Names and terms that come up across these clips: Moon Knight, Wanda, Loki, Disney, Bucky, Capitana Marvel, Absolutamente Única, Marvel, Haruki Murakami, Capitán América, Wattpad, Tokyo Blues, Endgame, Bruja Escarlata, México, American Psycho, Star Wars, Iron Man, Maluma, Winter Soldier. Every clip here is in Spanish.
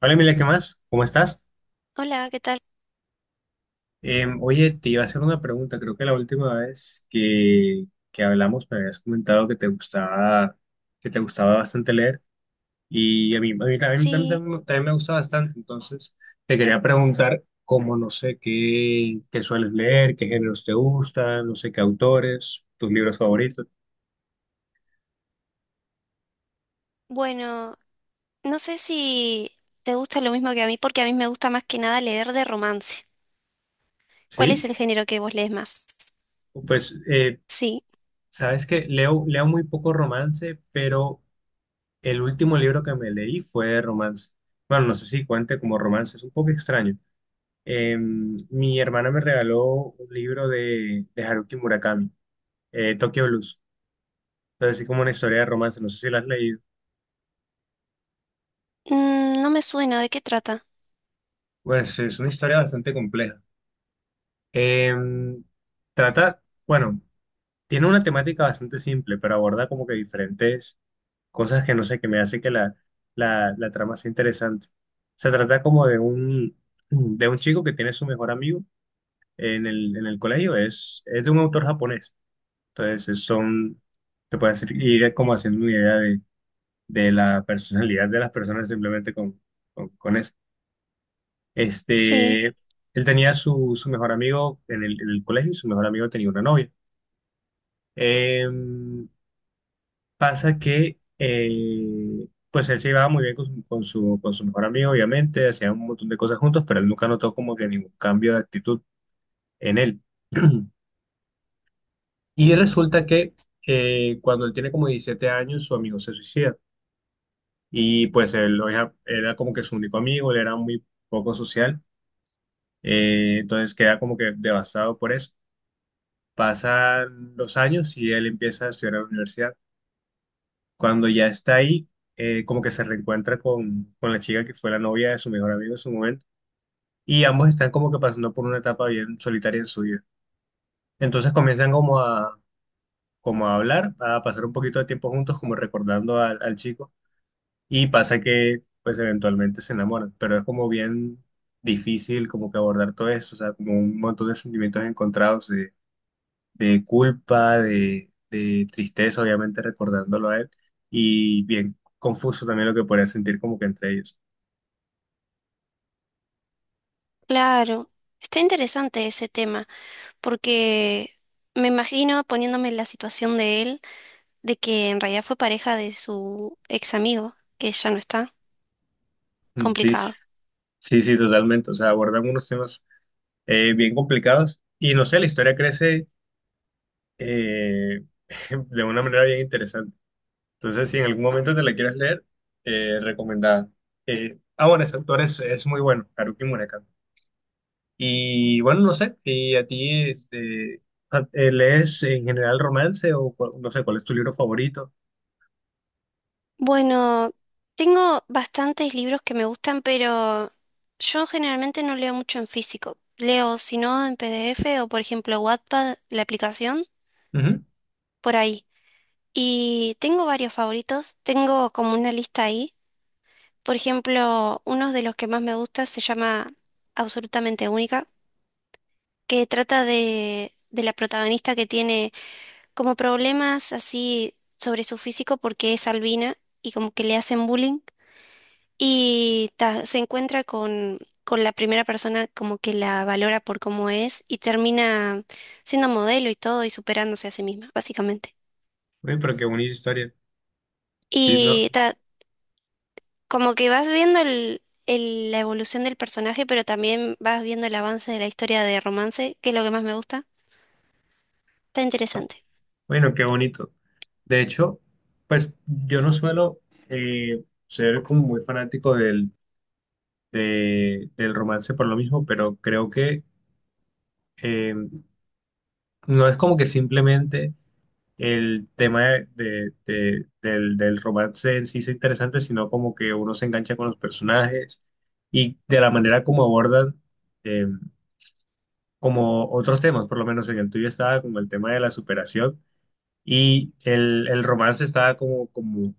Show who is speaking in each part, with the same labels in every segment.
Speaker 1: Hola Emilia, ¿qué más? ¿Cómo estás?
Speaker 2: Hola, ¿qué tal?
Speaker 1: Oye, te iba a hacer una pregunta. Creo que la última vez que hablamos me habías comentado que te gustaba bastante leer, y a mí también, también-
Speaker 2: Sí,
Speaker 1: también- también me gusta bastante. Entonces, te quería preguntar, cómo no sé qué sueles leer, qué géneros te gustan, no sé qué autores, tus libros favoritos.
Speaker 2: bueno, no sé si te gusta lo mismo que a mí, porque a mí me gusta más que nada leer de romance. ¿Cuál
Speaker 1: ¿Sí?
Speaker 2: es el género que vos lees más?
Speaker 1: Pues,
Speaker 2: Sí.
Speaker 1: sabes que leo muy poco romance, pero el último libro que me leí fue de romance. Bueno, no sé si cuente como romance, es un poco extraño. Mi hermana me regaló un libro de Haruki Murakami, Tokyo Blues. Entonces, así como una historia de romance, no sé si la has leído.
Speaker 2: Mm, no me suena, ¿de qué trata?
Speaker 1: Pues es una historia bastante compleja. Eh, Trata, bueno, tiene una temática bastante simple, pero aborda como que diferentes cosas, que no sé, que me hace que la trama sea interesante. Se trata como de un chico que tiene su mejor amigo en el colegio. Es de un autor japonés. Entonces, son, te puedes ir como haciendo una idea de la personalidad de las personas, simplemente con, con eso.
Speaker 2: Sí,
Speaker 1: Él tenía su, su mejor amigo en el colegio, y su mejor amigo tenía una novia. Em, Pasa que, pues él se llevaba muy bien con su, con su, con su mejor amigo. Obviamente, hacían un montón de cosas juntos, pero él nunca notó como que ningún cambio de actitud en él. Y resulta que cuando él tiene como 17 años, su amigo se suicida. Y pues él lo era como que su único amigo. Él era muy poco social. Entonces queda como que devastado por eso. Pasan los años y él empieza a estudiar en la universidad. Cuando ya está ahí, como que se reencuentra con la chica que fue la novia de su mejor amigo en su momento. Y ambos están como que pasando por una etapa bien solitaria en su vida. Entonces comienzan como a, como a hablar, a pasar un poquito de tiempo juntos, como recordando al chico. Y pasa que, pues, eventualmente se enamoran, pero es como bien difícil como que abordar todo eso, o sea, como un montón de sentimientos encontrados de culpa, de tristeza, obviamente recordándolo a él, y bien confuso también lo que podrían sentir como que entre ellos.
Speaker 2: claro, está interesante ese tema, porque me imagino poniéndome en la situación de él, de que en realidad fue pareja de su ex amigo, que ya no está,
Speaker 1: Mm, sí, sí,
Speaker 2: complicado.
Speaker 1: sí, sí, totalmente, o sea, abordan unos temas bien complicados, y no sé, la historia crece, eh, de una manera bien interesante. Entonces, si en algún momento te la quieres leer, recomendada. Bueno, ese autor es muy bueno, Haruki Murakami. Y bueno, no sé, y a ti ¿lees en general romance, o no sé, cuál es tu libro favorito?
Speaker 2: Bueno, tengo bastantes libros que me gustan, pero yo generalmente no leo mucho en físico. Leo, si no, en PDF o, por ejemplo, Wattpad, la aplicación,
Speaker 1: Ujú.
Speaker 2: por ahí. Y tengo varios favoritos. Tengo como una lista ahí. Por ejemplo, uno de los que más me gusta se llama Absolutamente Única, que trata de la protagonista que tiene como problemas así sobre su físico porque es albina y como que le hacen bullying. Y ta, se encuentra con la primera persona como que la valora por cómo es y termina siendo modelo y todo y superándose a sí misma, básicamente.
Speaker 1: Uy, pero qué bonita historia. Sí, no.
Speaker 2: Y ta, como que vas viendo la evolución del personaje, pero también vas viendo el avance de la historia de romance, que es lo que más me gusta. Está interesante.
Speaker 1: Bueno, qué bonito. De hecho, pues yo no suelo, ser como muy fanático del, del romance por lo mismo, pero creo que, eh, no es como que simplemente el tema del romance en sí sea interesante, sino como que uno se engancha con los personajes y de la manera como abordan, eh, como otros temas. Por lo menos, en el tuyo estaba como el tema de la superación, y el romance estaba como, como,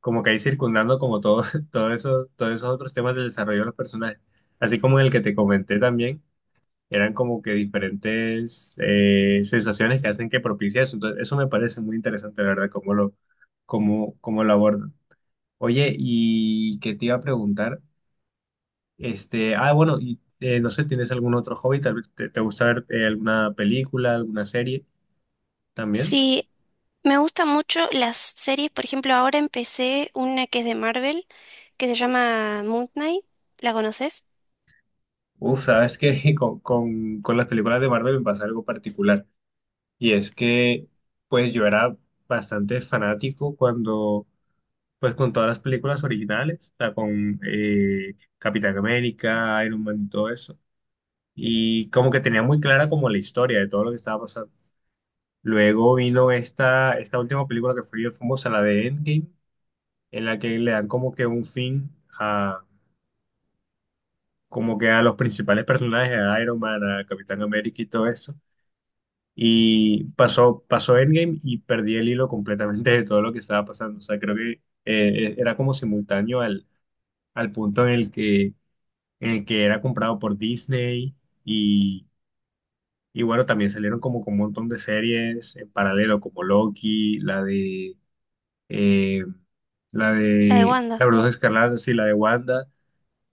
Speaker 1: como que ahí circundando como todo, todo eso, todos esos otros temas del desarrollo de los personajes. Así como en el que te comenté también, eran como que diferentes, sensaciones que hacen que propicie eso. Entonces, eso me parece muy interesante, la verdad, cómo lo abordan. Oye, y qué te iba a preguntar, bueno, y no sé, ¿tienes algún otro hobby? Tal vez te gusta ver, alguna película, alguna serie también.
Speaker 2: Sí, me gustan mucho las series. Por ejemplo, ahora empecé una que es de Marvel, que se llama Moon Knight. ¿La conoces?
Speaker 1: Uf, sabes que con las películas de Marvel me pasa algo particular. Y es que, pues yo era bastante fanático, cuando, pues, con todas las películas originales, o sea, con, Capitán América, Iron Man y todo eso. Y como que tenía muy clara como la historia de todo lo que estaba pasando. Luego vino esta, esta última película que fue bien famosa, la de Endgame, en la que le dan como que un fin a, como que a los principales personajes, a Iron Man, a Capitán América y todo eso. Y pasó Endgame y perdí el hilo completamente de todo lo que estaba pasando. O sea, creo que, era como simultáneo al, al punto en el que, en el que era comprado por Disney, y, y bueno, también salieron como con un montón de series en paralelo, como Loki, la de, eh, la
Speaker 2: La de
Speaker 1: de la
Speaker 2: Wanda.
Speaker 1: Bruja Escarlata, sí, la de Wanda.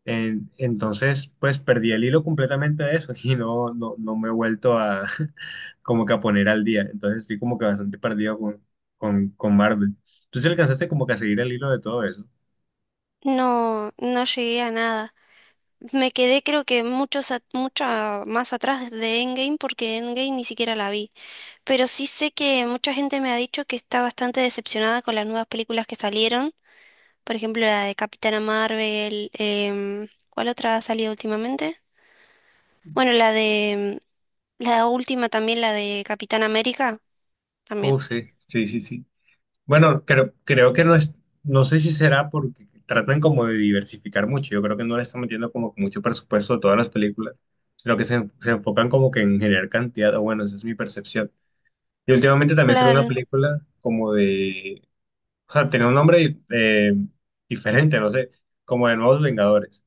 Speaker 1: Entonces, pues perdí el hilo completamente a eso y no me he vuelto a como que a poner al día. Entonces estoy como que bastante perdido con Marvel. ¿Tú te alcanzaste como que a seguir el hilo de todo eso?
Speaker 2: No, no llegué a nada. Me quedé creo que muchos a- mucha más atrás de Endgame porque Endgame ni siquiera la vi. Pero sí sé que mucha gente me ha dicho que está bastante decepcionada con las nuevas películas que salieron. Por ejemplo, la de Capitana Marvel. ¿Cuál otra ha salido últimamente? Bueno, la de... La última también, la de Capitán América. También.
Speaker 1: Oh, sí, sí, sí, sí. Bueno, creo, creo que no es, no sé si será porque tratan como de diversificar mucho. Yo creo que no le están metiendo como que mucho presupuesto a todas las películas, sino que se enfocan como que en generar cantidad, o bueno, esa es mi percepción. Y últimamente también será una
Speaker 2: Claro.
Speaker 1: película como de, o sea, tenía un nombre, diferente, no sé, como de Nuevos Vengadores.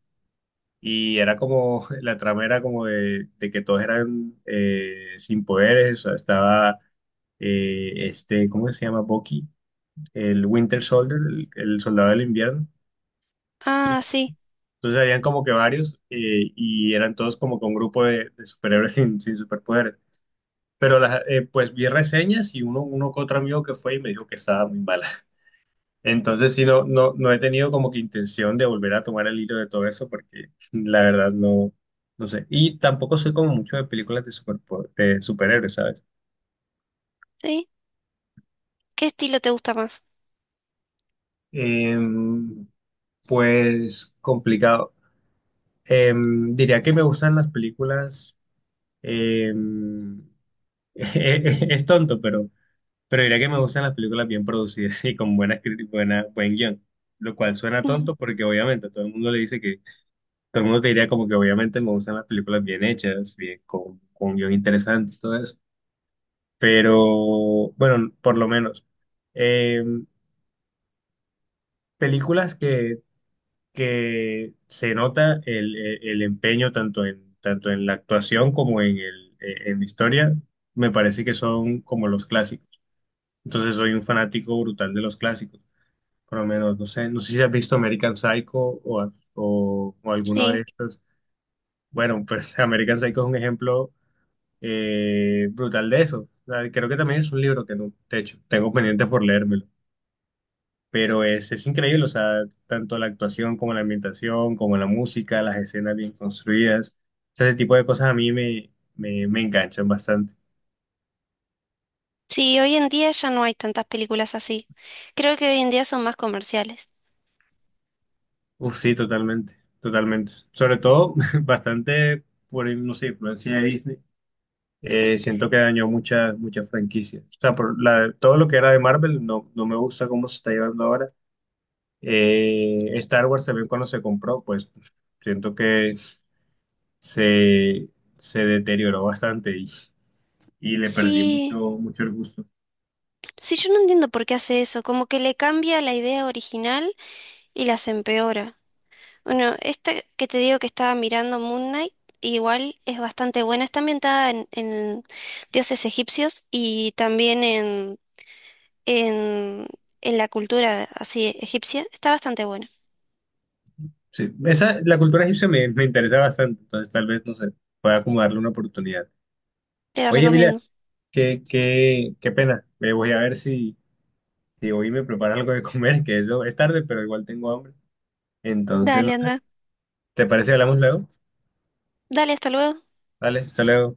Speaker 1: Y era como, la trama era como de que todos eran, sin poderes, o sea, estaba, ¿cómo se llama? Bucky, el Winter Soldier, el soldado del invierno.
Speaker 2: Ah, sí.
Speaker 1: Entonces habían como que varios, y eran todos como que un grupo de superhéroes, sin, sin superpoderes. Pero pues vi reseñas, y uno que otro amigo que fue y me dijo que estaba muy mala. Entonces sí, no he tenido como que intención de volver a tomar el hilo de todo eso, porque la verdad no sé. Y tampoco soy como mucho de películas de superhéroes, ¿sabes?
Speaker 2: Sí. ¿Qué estilo te gusta más?
Speaker 1: Em, pues complicado. Diría que me gustan las películas. Eh, es tonto, pero diría que me gustan las películas bien producidas y con buena críticas, buen guión. Lo cual suena tonto, porque obviamente todo el mundo le dice que, todo el mundo te diría como que obviamente me gustan las películas bien hechas, bien, con guión interesante y todo eso. Pero bueno, por lo menos, eh, películas que se nota el empeño, tanto en, tanto en la actuación, como en la historia, me parece que son como los clásicos. Entonces soy un fanático brutal de los clásicos. Por lo menos, no sé, no sé si has visto American Psycho, o alguno de
Speaker 2: Sí.
Speaker 1: estos. Bueno, pues American Psycho es un ejemplo, brutal de eso. O sea, creo que también es un libro que no, de hecho, tengo pendiente por leérmelo. Pero es increíble, o sea, tanto la actuación, como la ambientación, como la música, las escenas bien construidas. Ese tipo de cosas a mí me enganchan bastante.
Speaker 2: Sí, hoy en día ya no hay tantas películas así. Creo que hoy en día son más comerciales.
Speaker 1: Uf, sí, totalmente, totalmente. Sobre todo, bastante por, no sé, influencia de Disney. Siento que dañó muchas, muchas franquicias. O sea, todo lo que era de Marvel no me gusta cómo se está llevando ahora. Star Wars también, cuando se compró, pues siento que se deterioró bastante, y le perdí
Speaker 2: Sí,
Speaker 1: mucho, mucho el gusto.
Speaker 2: sí, yo no entiendo por qué hace eso, como que le cambia la idea original y las empeora. Bueno, esta que te digo que estaba mirando Moon Knight, igual es bastante buena, está ambientada en dioses egipcios y también en, en la cultura así egipcia, está bastante buena,
Speaker 1: Sí, la cultura egipcia me interesa bastante, entonces tal vez, no sé, pueda como darle una oportunidad.
Speaker 2: te la
Speaker 1: Oye, Emilia.
Speaker 2: recomiendo.
Speaker 1: Qué pena. Me voy a ver si, si hoy me preparo algo de comer, que eso es tarde, pero igual tengo hambre. Entonces, no
Speaker 2: Dale,
Speaker 1: sé.
Speaker 2: anda,
Speaker 1: ¿Te parece que hablamos luego?
Speaker 2: dale, hasta luego.
Speaker 1: Vale, hasta luego.